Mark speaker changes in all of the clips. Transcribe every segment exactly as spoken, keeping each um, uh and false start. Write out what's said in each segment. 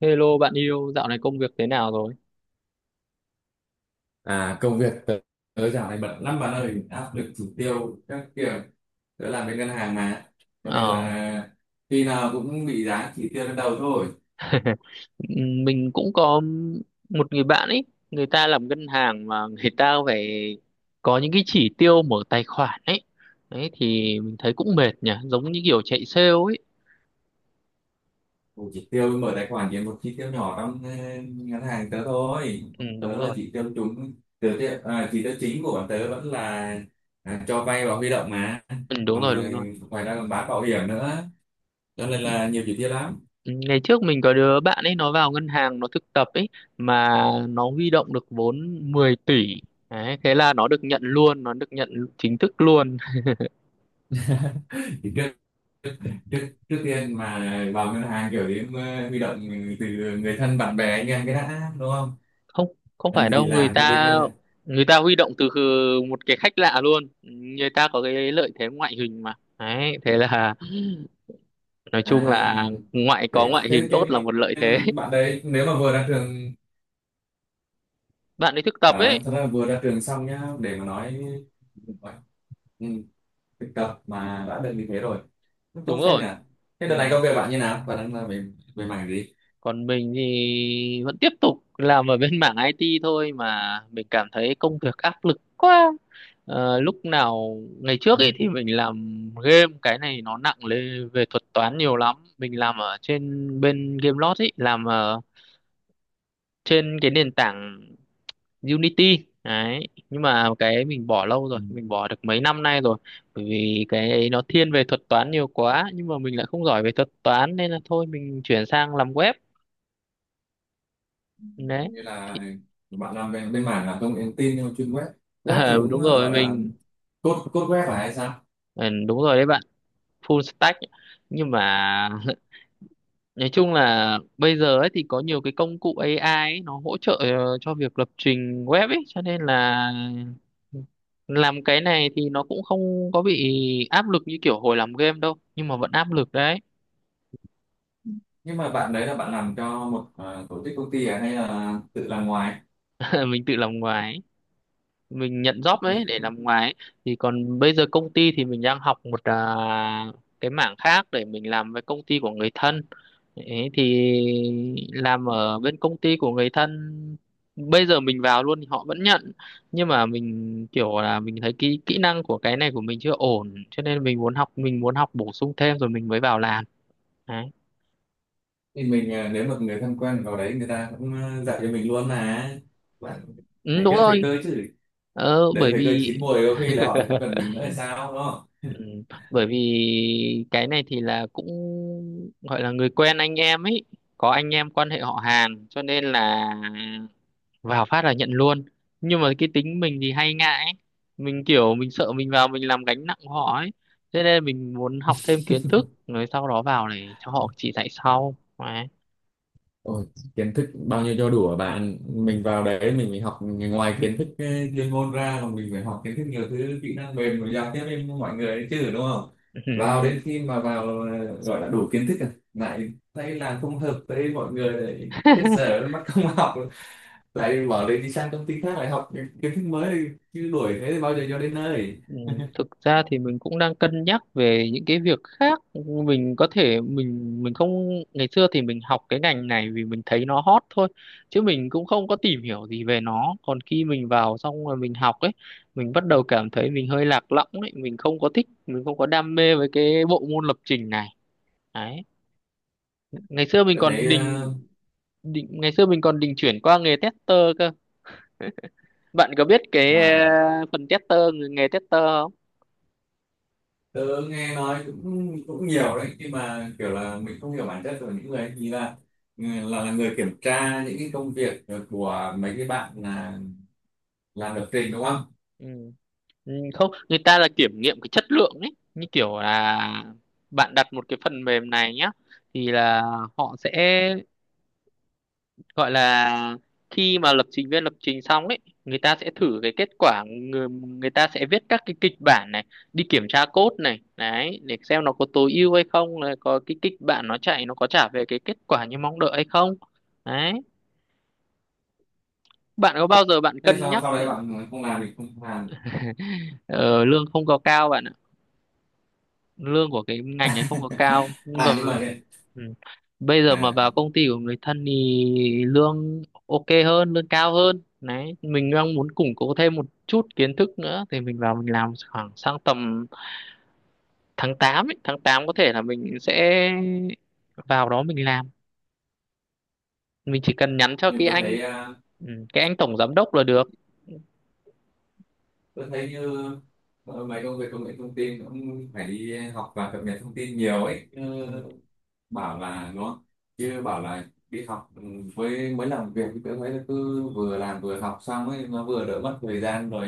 Speaker 1: Hello bạn yêu, dạo này công việc thế nào rồi?
Speaker 2: À, công việc tớ, tớ dạo này bận lắm bạn ơi, áp lực chỉ tiêu các kiểu. Tớ làm bên ngân hàng mà, cho nên
Speaker 1: Ờ,
Speaker 2: là khi nào cũng bị dán chỉ tiêu lên đầu thôi.
Speaker 1: mình cũng có một người bạn ấy, người ta làm ngân hàng mà người ta phải có những cái chỉ tiêu mở tài khoản ấy. Đấy thì mình thấy cũng mệt nhỉ, giống như kiểu chạy sale ấy.
Speaker 2: Một chỉ tiêu mở tài khoản chỉ một chỉ tiêu nhỏ trong ờ, ngân hàng tớ thôi.
Speaker 1: Ừ, đúng
Speaker 2: Tớ là
Speaker 1: rồi.
Speaker 2: chỉ tiêu chúng, tớ, tiêu- à, chỉ tiêu chính của bọn tớ vẫn là à, cho vay và huy động mà.
Speaker 1: ừ, đúng
Speaker 2: Còn
Speaker 1: rồi, đúng
Speaker 2: ờ,
Speaker 1: rồi.
Speaker 2: ngoài ra còn bán bảo hiểm nữa, cho nên là nhiều chỉ tiêu lắm.
Speaker 1: Ừ, Ngày trước mình có đứa bạn ấy nó vào ngân hàng nó thực tập ấy mà nó huy động được vốn mười tỷ. Đấy, thế là nó được nhận luôn, nó được nhận chính thức luôn.
Speaker 2: trước trước tiên mà vào ngân hàng kiểu đến ờ, huy động từ người thân bạn bè anh em cái đã, đúng không?
Speaker 1: Không, không
Speaker 2: Làm
Speaker 1: phải
Speaker 2: gì thì
Speaker 1: đâu, người
Speaker 2: làm với bên
Speaker 1: ta
Speaker 2: ngân hàng.
Speaker 1: người ta huy động từ khừ- một cái khách lạ luôn, người ta có cái lợi thế ngoại hình mà đấy thế là nói
Speaker 2: À,
Speaker 1: chung là ngoại có
Speaker 2: thế,
Speaker 1: ngoại hình
Speaker 2: thế
Speaker 1: tốt là
Speaker 2: cái
Speaker 1: một lợi thế.
Speaker 2: ờ, bạn đấy nếu mà vừa ra trường,
Speaker 1: Bạn ấy thực tập
Speaker 2: ờ,
Speaker 1: ấy.
Speaker 2: thật ra vừa ra trường xong nhá, để mà nói, ừ, thực tập mà đã được như thế rồi. Cũng
Speaker 1: Đúng
Speaker 2: tốt phết
Speaker 1: rồi.
Speaker 2: nhỉ. Thế
Speaker 1: Ừ,
Speaker 2: đợt này công việc bạn như nào, bạn đang làm về về mảng gì?
Speaker 1: còn mình thì vẫn tiếp tục làm ở bên mảng i tê thôi mà mình cảm thấy công việc áp lực quá. Ờ, lúc nào ngày trước ấy thì mình làm game, cái này nó nặng lên về thuật toán nhiều lắm, mình làm ở trên bên Gamelot ấy, làm trên cái nền tảng Unity đấy, nhưng mà cái mình bỏ lâu
Speaker 2: Ừ.
Speaker 1: rồi, mình bỏ được mấy năm nay rồi, bởi vì cái ấy nó thiên về thuật toán nhiều quá nhưng mà mình lại không giỏi về thuật toán nên là thôi mình chuyển sang làm web đấy
Speaker 2: Như
Speaker 1: thì.
Speaker 2: là bạn làm về bên mảng là công nghệ thông tin nhưng mà chuyên web, web thì
Speaker 1: ờ,
Speaker 2: cũng
Speaker 1: Đúng rồi,
Speaker 2: gọi là
Speaker 1: mình
Speaker 2: code code web, phải hay sao?
Speaker 1: ừ, đúng rồi đấy bạn, full stack. Nhưng mà nói chung là bây giờ ấy thì có nhiều cái công cụ a i ấy, nó hỗ trợ ờ, cho việc lập trình web ấy, cho nên là làm cái này thì nó cũng không có bị áp lực như kiểu hồi làm game đâu, nhưng mà vẫn áp lực đấy.
Speaker 2: Nhưng mà bạn đấy là bạn làm cho một, à, tổ chức công ty, à, hay là tự làm ngoài?
Speaker 1: Mình tự làm ngoài ấy. Mình nhận job đấy
Speaker 2: Thì,
Speaker 1: để làm ngoài ấy. Thì còn bây giờ công ty thì mình đang học một à, cái mảng khác để mình làm với công ty của người thân. Thế thì làm ở bên công ty của người thân, bây giờ mình vào luôn thì họ vẫn nhận, nhưng mà mình kiểu là mình thấy kỹ kỹ năng của cái này của mình chưa ổn, cho nên mình muốn học, mình muốn học bổ sung thêm rồi mình mới vào làm đấy.
Speaker 2: mình, à, nếu mà người thân quen vào đấy người ta cũng, à, dạy cho mình luôn là bạn
Speaker 1: Ừ,
Speaker 2: phải
Speaker 1: đúng
Speaker 2: biết thời
Speaker 1: rồi.
Speaker 2: cơ chứ.
Speaker 1: ờ,
Speaker 2: Để
Speaker 1: bởi
Speaker 2: thời cơ
Speaker 1: vì
Speaker 2: chín muồi có khi là họ lại không cần mình nữa là sao, đúng không?
Speaker 1: ừ, Bởi vì cái này thì là cũng gọi là người quen anh em ấy, có anh em quan hệ họ hàng cho nên là vào phát là nhận luôn, nhưng mà cái tính mình thì hay ngại ấy. Mình kiểu mình sợ mình vào mình làm gánh nặng của họ ấy, thế nên mình muốn học thêm kiến thức rồi sau đó vào để cho họ chỉ dạy sau. Đấy.
Speaker 2: Ôi, kiến thức bao nhiêu cho đủ hả bạn? Mình vào đấy mình phải học ngoài kiến thức ờ, chuyên môn ra, còn mình phải học kiến thức nhiều thứ, kỹ năng mềm rồi giao tiếp với mọi người đấy chứ, đúng không? Vào đến khi mà vào ờ, gọi là đủ kiến thức rồi, lại thấy là không hợp với mọi người, lại hết giờ mất công học, lại bỏ đấy đi sang công ty khác lại học những kiến thức mới, chứ đuổi thế thì bao giờ cho đến nơi?
Speaker 1: Ừ, thực ra thì mình cũng đang cân nhắc về những cái việc khác. Mình có thể mình mình không, ngày xưa thì mình học cái ngành này vì mình thấy nó hot thôi, chứ mình cũng không có tìm hiểu gì về nó, còn khi mình vào xong rồi mình học ấy, mình bắt đầu cảm thấy mình hơi lạc lõng ấy, mình không có thích, mình không có đam mê với cái bộ môn lập trình này đấy. Ngày xưa mình
Speaker 2: tôi thấy
Speaker 1: còn định
Speaker 2: ờ,
Speaker 1: định ngày xưa mình còn định chuyển qua nghề tester cơ. Bạn có biết cái
Speaker 2: à,
Speaker 1: ờ, phần tester, nghề tester không?
Speaker 2: tớ nghe nói cũng cũng nhiều đấy, nhưng mà kiểu là mình không hiểu bản chất của những người ấy thì là, ừ, là là người kiểm tra những cái công việc của mấy cái bạn là làm lập trình, đúng không?
Speaker 1: Ừ. Ừ, không, người ta là kiểm nghiệm cái chất lượng ấy, như kiểu là bạn đặt một cái phần mềm này nhá, thì là họ sẽ gọi là khi mà lập trình viên lập trình xong ấy, người ta sẽ thử cái kết quả, người, người ta sẽ viết các cái kịch bản này, đi kiểm tra code này đấy, để xem nó có tối ưu hay không, là có cái kịch bản nó chạy nó có trả về cái kết quả như mong đợi hay không đấy. Bạn có bao giờ bạn
Speaker 2: Thế
Speaker 1: cân
Speaker 2: sau
Speaker 1: nhắc?
Speaker 2: sau đấy bạn không làm thì không làm.
Speaker 1: ờ, Lương không có cao bạn, lương của cái ngành ấy không có cao nhưng mà
Speaker 2: à nhưng mà thế
Speaker 1: ừ, bây giờ mà
Speaker 2: à
Speaker 1: vào công ty của người thân thì lương ok hơn, lương cao hơn đấy, mình đang muốn củng cố thêm một chút kiến thức nữa thì mình vào mình làm khoảng sang tầm tháng tám ấy. Tháng tám có thể là mình sẽ vào đó mình làm. Mình chỉ cần nhắn cho
Speaker 2: nhưng mà
Speaker 1: cái
Speaker 2: tôi
Speaker 1: anh,
Speaker 2: thấy à,
Speaker 1: ừ, cái anh tổng giám đốc là được.
Speaker 2: tôi thấy như ờ, mấy công việc công nghệ thông tin cũng phải đi học và cập nhật thông tin nhiều ấy. Ừ,
Speaker 1: Ừ.
Speaker 2: bảo là nó chứ bảo là đi học, ừ, với mới làm việc thì tôi thấy cứ vừa làm vừa học xong ấy, nó vừa đỡ mất thời gian rồi,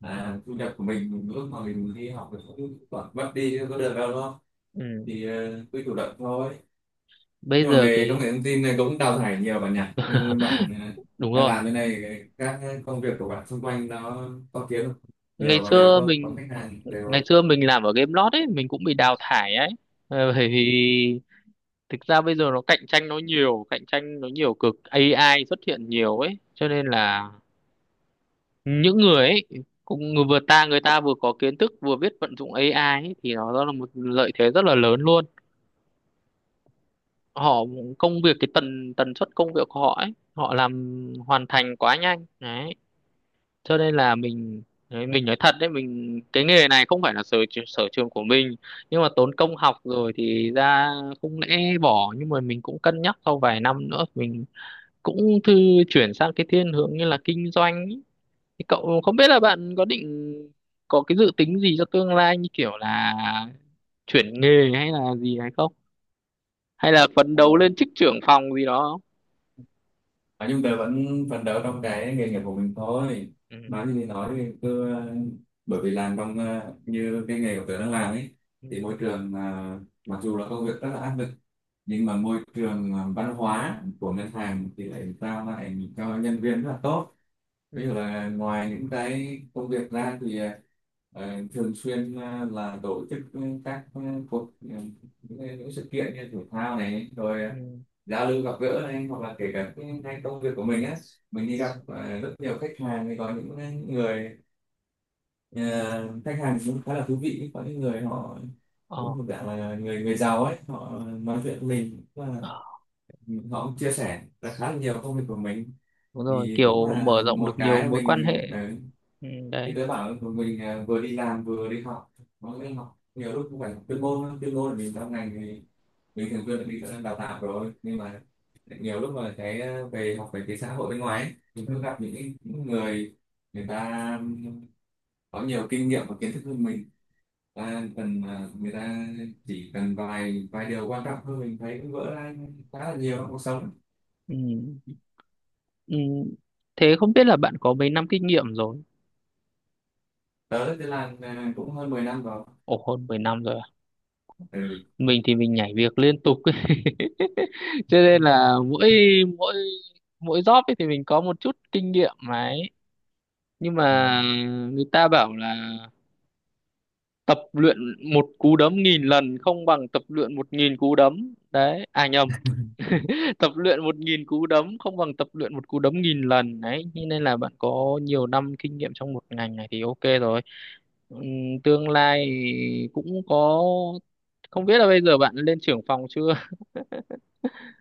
Speaker 2: à, thu nhập của mình lúc mà mình đi học thì cũng toàn mất đi chứ có được đâu đó.
Speaker 1: Ừ.
Speaker 2: Thì ờ, cứ chủ động thôi.
Speaker 1: Bây
Speaker 2: Nhưng mà
Speaker 1: giờ
Speaker 2: nghề công
Speaker 1: cái,
Speaker 2: nghệ thông tin này cũng đào thải nhiều bạn nhỉ? Như bạn, ờ,
Speaker 1: đúng
Speaker 2: đang
Speaker 1: rồi.
Speaker 2: làm thế này, các công việc của bạn xung quanh nó có kiếm không,
Speaker 1: Ngày
Speaker 2: nhiều và đều
Speaker 1: xưa
Speaker 2: không, có
Speaker 1: mình
Speaker 2: khách
Speaker 1: ừ,
Speaker 2: hàng đều
Speaker 1: ngày
Speaker 2: không?
Speaker 1: xưa mình làm ở game lót ấy, mình cũng bị đào thải ấy. Ờ, bởi vì thực ra bây giờ nó cạnh tranh nó nhiều, cạnh tranh nó nhiều cực a i xuất hiện nhiều ấy, cho nên là những người ấy cũng người vừa ta người ta vừa có kiến thức vừa biết vận dụng a i ấy, thì nó đó là một lợi thế rất là lớn luôn. Họ công việc cái tần tần suất công việc của họ ấy, họ làm hoàn thành quá nhanh đấy, cho nên là mình đấy, mình nói thật đấy, mình cái nghề này không phải là sở tr- sở trường của mình, nhưng mà tốn công học rồi thì ra không lẽ bỏ, nhưng mà mình cũng cân nhắc sau vài năm nữa mình cũng thư chuyển sang cái thiên hướng như là kinh doanh ý. Thì cậu không biết là bạn có định có cái dự tính gì cho tương lai, như kiểu là chuyển nghề hay là gì hay không, hay là phấn đấu lên chức trưởng phòng gì đó không?
Speaker 2: Nói chung tớ vẫn phấn đấu trong cái nghề nghiệp của mình thôi.
Speaker 1: Ừ.
Speaker 2: Nói gì thì nói thì cứ, ờ, bởi vì làm trong, ờ, như cái nghề của tớ đang làm ấy,
Speaker 1: Ừ.
Speaker 2: thì môi trường, ờ, mặc dù là công việc rất là áp lực, nhưng mà môi trường, ờ, văn hóa của ngân hàng thì lại trao lại cho nhân viên rất là tốt. Ví dụ
Speaker 1: Ừ.
Speaker 2: là ngoài những cái công việc ra thì, ờ, ờ, thường xuyên, ờ, là tổ chức các, ờ, cuộc, ờ, những, cái- những sự kiện như thể thao này rồi
Speaker 1: Ừ.
Speaker 2: giao lưu gặp gỡ này, hoặc là kể cả cái, cái công việc của mình á, mình đi
Speaker 1: Ừ.
Speaker 2: gặp, à, rất nhiều khách hàng thì có những người, à, khách hàng cũng khá là thú vị, có những người họ cũng thuộc dạng là người người giàu ấy, họ nói chuyện với mình và
Speaker 1: Ờ.
Speaker 2: họ cũng chia sẻ là khá là nhiều công việc của mình.
Speaker 1: Đúng rồi,
Speaker 2: Thì cũng
Speaker 1: kiểu
Speaker 2: là
Speaker 1: mở rộng
Speaker 2: một
Speaker 1: được nhiều
Speaker 2: cái mà
Speaker 1: mối quan
Speaker 2: mình,
Speaker 1: hệ.
Speaker 2: ờ,
Speaker 1: Ừ,
Speaker 2: như
Speaker 1: đấy.
Speaker 2: tớ bảo là mình, à, vừa đi làm vừa đi học, nó nên học nhiều lúc cũng phải học chuyên môn á. Chuyên môn là mình trong ngành thì mình thường xuyên đi đào tạo rồi, nhưng mà nhiều lúc mà cái, ờ, về học về cái xã hội bên ngoài ấy, mình cứ
Speaker 1: Ừ.
Speaker 2: gặp những, cái- những người, người ta có nhiều kinh nghiệm và kiến thức hơn mình, ta cần, ờ, người ta chỉ cần vài vài điều quan trọng thôi, mình thấy cũng vỡ ra khá là nhiều trong cuộc sống.
Speaker 1: Ừ. Ừ. Thế không biết là bạn có mấy năm kinh nghiệm rồi?
Speaker 2: Tớ thì làm, ờ, cũng hơn mười năm rồi.
Speaker 1: Ồ, hơn mười năm rồi à? Mình thì mình nhảy việc liên tục ấy. Cho nên là mỗi mỗi mỗi job ấy thì mình có một chút kinh nghiệm mà ấy, nhưng
Speaker 2: Ừ.
Speaker 1: mà người ta bảo là tập luyện một cú đấm nghìn lần không bằng tập luyện một nghìn cú đấm đấy, à nhầm, tập luyện một nghìn cú đấm không bằng tập luyện một cú đấm nghìn lần đấy, thế nên là bạn có nhiều năm kinh nghiệm trong một ngành này thì ok rồi. Ừm, Tương lai cũng có, không biết là bây giờ bạn lên trưởng phòng chưa?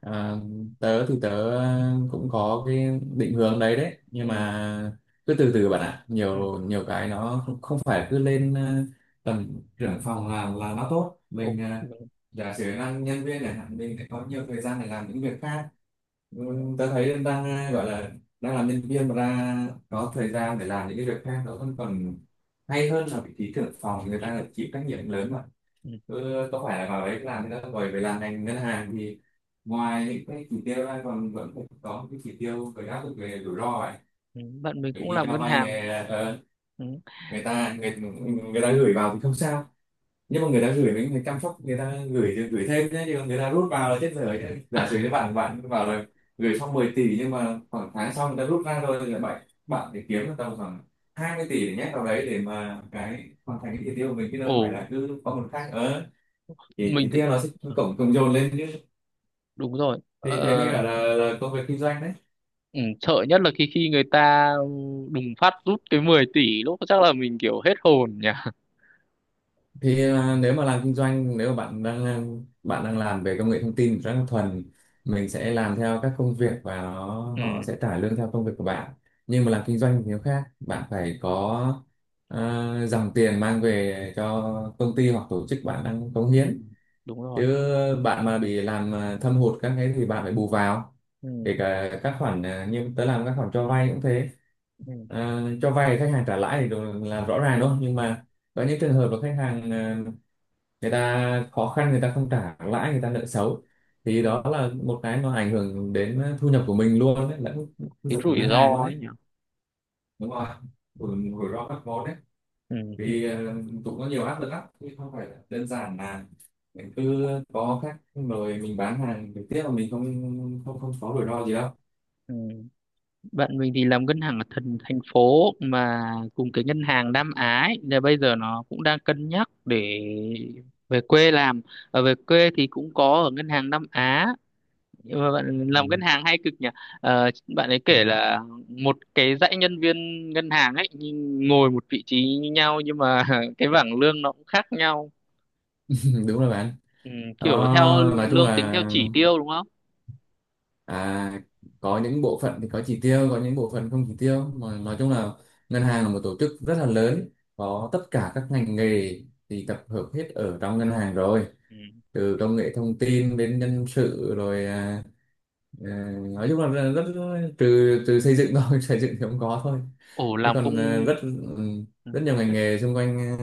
Speaker 2: À, tớ thì tớ, ờ, cũng có cái định hướng đấy, đấy
Speaker 1: Ừ,
Speaker 2: nhưng mà cứ từ từ bạn ạ,
Speaker 1: ừ,
Speaker 2: nhiều nhiều cái nó, không, không phải cứ lên, ờ, tầm trưởng phòng là là nó tốt.
Speaker 1: ồ,
Speaker 2: Mình, ờ,
Speaker 1: ừ,
Speaker 2: giả sử năng nhân viên này mình lại có nhiều thời gian để làm những việc khác. Ừ,
Speaker 1: ừ,
Speaker 2: tớ thấy em đang, ờ, gọi là đang làm nhân viên mà ra có thời gian để làm những cái việc khác, nó vẫn còn hay hơn là vị trí trưởng phòng, người ta lại chịu trách nhiệm lớn mà.
Speaker 1: ừ,
Speaker 2: Ừ, có phải là vào đấy làm thì đã, rồi về làm ngành ngân hàng thì ngoài những cái chỉ tiêu ra còn vẫn phải có những cái chỉ tiêu phải áp dụng về rủi ro ấy.
Speaker 1: ừ. Bạn mình
Speaker 2: Bởi
Speaker 1: cũng
Speaker 2: đi
Speaker 1: làm
Speaker 2: cho
Speaker 1: ngân
Speaker 2: vay
Speaker 1: hàng.
Speaker 2: này, ờ,
Speaker 1: Ừ.
Speaker 2: người ta người, người ta gửi vào thì không sao, nhưng mà người ta gửi mình phải chăm sóc, người ta gửi thì gửi thêm đấy chứ, còn người ta rút vào là chết dở chứ. Giả sử cho bạn bạn vào là gửi xong mười tỷ, nhưng mà khoảng tháng sau người ta rút ra rồi, thì là bạn bạn để kiếm được tầm khoảng hai mươi tỷ để nhét vào đấy, để mà cái hoàn thành cái chỉ tiêu của mình, chứ đâu
Speaker 1: Ồ,
Speaker 2: phải là cứ có một khác. Ờ, thì
Speaker 1: mình
Speaker 2: thì
Speaker 1: thì
Speaker 2: tiếc nó sẽ
Speaker 1: ờ,
Speaker 2: cộng cộng dồn lên chứ.
Speaker 1: đúng rồi.
Speaker 2: Thì thế mới
Speaker 1: Ờ,
Speaker 2: gọi là, là công việc kinh doanh đấy.
Speaker 1: ừ, sợ nhất là khi khi người ta đùng phát rút cái mười tỷ lúc, chắc là mình kiểu hết hồn nhỉ.
Speaker 2: Thì, à, nếu mà làm kinh doanh, nếu mà bạn đang, bạn đang làm về công nghệ thông tin rất là thuần, mình sẽ làm theo các công việc, và nó,
Speaker 1: Ừ,
Speaker 2: họ sẽ trả lương theo công việc của bạn. Nhưng mà làm kinh doanh thì nó khác, bạn phải có, à, dòng tiền mang về cho công ty hoặc tổ chức bạn đang cống
Speaker 1: ừ,
Speaker 2: hiến.
Speaker 1: đúng rồi.
Speaker 2: Chứ bạn mà bị làm, à, thâm hụt các cái thì bạn phải bù vào.
Speaker 1: Ừ,
Speaker 2: Kể cả các khoản, à, như tớ làm các khoản cho vay cũng thế.
Speaker 1: ừ,
Speaker 2: À, cho vay khách hàng trả lãi thì đồ- là rõ ràng đúng không, nhưng mà có những trường hợp là khách hàng, à, người ta khó khăn, người ta không trả lãi, người ta nợ xấu, thì
Speaker 1: ừ.
Speaker 2: đó là một cái nó ảnh hưởng đến thu nhập của mình luôn đấy, lẫn thu
Speaker 1: Cái
Speaker 2: nhập của
Speaker 1: rủi
Speaker 2: ngân
Speaker 1: ro
Speaker 2: hàng luôn
Speaker 1: ấy
Speaker 2: đấy.
Speaker 1: nhỉ.
Speaker 2: Đúng rồi, rủi rủi ro các món đấy.
Speaker 1: Ừ, ừ,
Speaker 2: Vì, ờ, cũng có nhiều áp lực lắm chứ không phải là đơn giản là mình cứ có khách mời mình bán hàng trực tiếp mà mình không không không có rủi ro gì đâu.
Speaker 1: ừ. Bạn mình thì làm ngân hàng ở thành thành phố mà, cùng cái ngân hàng Nam Á ấy, là bây giờ nó cũng đang cân nhắc để về quê làm. Ở về quê thì cũng có ở ngân hàng Nam Á. Nhưng mà bạn
Speaker 2: Ừ.
Speaker 1: làm ngân hàng hay cực nhỉ. Ờ, Bạn ấy kể là một cái dãy nhân viên ngân hàng ấy nhưng ngồi một vị trí như nhau nhưng mà cái bảng lương nó cũng khác nhau.
Speaker 2: Đúng rồi bạn.
Speaker 1: Ừ, kiểu theo
Speaker 2: Đó, nói chung
Speaker 1: lương tính
Speaker 2: là,
Speaker 1: theo chỉ tiêu đúng không?
Speaker 2: À, có những bộ phận thì có chỉ tiêu, có những bộ phận không chỉ tiêu. Mà nói chung là ngân hàng là một tổ chức rất là lớn, có tất cả các ngành nghề thì tập hợp hết ở trong ngân hàng rồi.
Speaker 1: Ừ.
Speaker 2: Từ công nghệ thông tin đến nhân sự rồi, à, à, nói chung là rất, rất trừ trừ xây dựng thôi, xây dựng thì không có thôi.
Speaker 1: ồ
Speaker 2: Chứ
Speaker 1: làm công
Speaker 2: còn, à, rất, ừ,
Speaker 1: Ừ.
Speaker 2: rất nhiều ngành nghề xung quanh, à,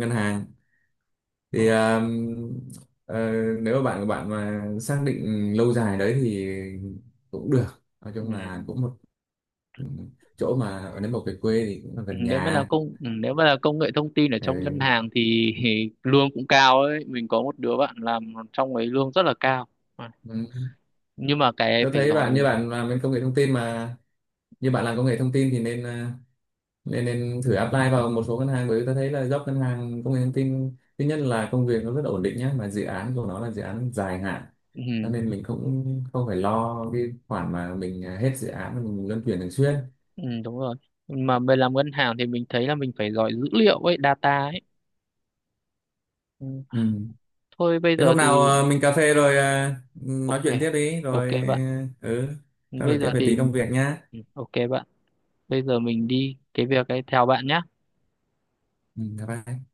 Speaker 2: ngân hàng thì,
Speaker 1: Ồ,
Speaker 2: ờ, ờ, nếu mà bạn của bạn mà xác định lâu dài đấy thì cũng được, nói
Speaker 1: ừ.
Speaker 2: chung là cũng một chỗ mà, nếu mà về quê thì cũng là
Speaker 1: Ừ,
Speaker 2: gần
Speaker 1: nếu mà là
Speaker 2: nhà.
Speaker 1: công Ừ, nếu mà là công nghệ thông tin ở trong ngân
Speaker 2: Ừ.
Speaker 1: hàng thì thì lương cũng cao ấy, mình có một đứa bạn làm trong ấy lương rất là cao. Ừ.
Speaker 2: Ừ.
Speaker 1: Nhưng mà cái ấy
Speaker 2: Tôi
Speaker 1: phải
Speaker 2: thấy
Speaker 1: giỏi.
Speaker 2: bạn, như bạn làm bên công nghệ thông tin mà, như bạn làm công nghệ thông tin thì nên, ờ, nên nên thử apply vào một số ngân hàng, bởi vì tôi thấy là job ngân hàng công nghệ thông tin thứ nhất là công việc nó rất là ổn định nhá, mà dự án của nó là dự án dài hạn,
Speaker 1: Ừ.
Speaker 2: cho nên mình cũng không phải lo cái khoản mà mình, à, hết dự án mình luân chuyển thường xuyên.
Speaker 1: Ừ, đúng rồi. Mà về làm ngân hàng thì mình thấy là mình phải giỏi dữ liệu ấy, data ấy. Ừ.
Speaker 2: Ừ.
Speaker 1: Thôi bây
Speaker 2: Thế
Speaker 1: giờ
Speaker 2: hôm nào,
Speaker 1: thì
Speaker 2: ờ, mình cà phê rồi, ờ, nói
Speaker 1: ok.
Speaker 2: chuyện tiếp đi,
Speaker 1: Ok
Speaker 2: rồi,
Speaker 1: bạn.
Speaker 2: ờ, ừ trao đổi
Speaker 1: Bây
Speaker 2: tiếp
Speaker 1: giờ
Speaker 2: về
Speaker 1: thì
Speaker 2: tí công việc nhá.
Speaker 1: ừ, ok bạn. Bây giờ mình đi cái việc ấy theo bạn nhé.
Speaker 2: Ừ, bye bye.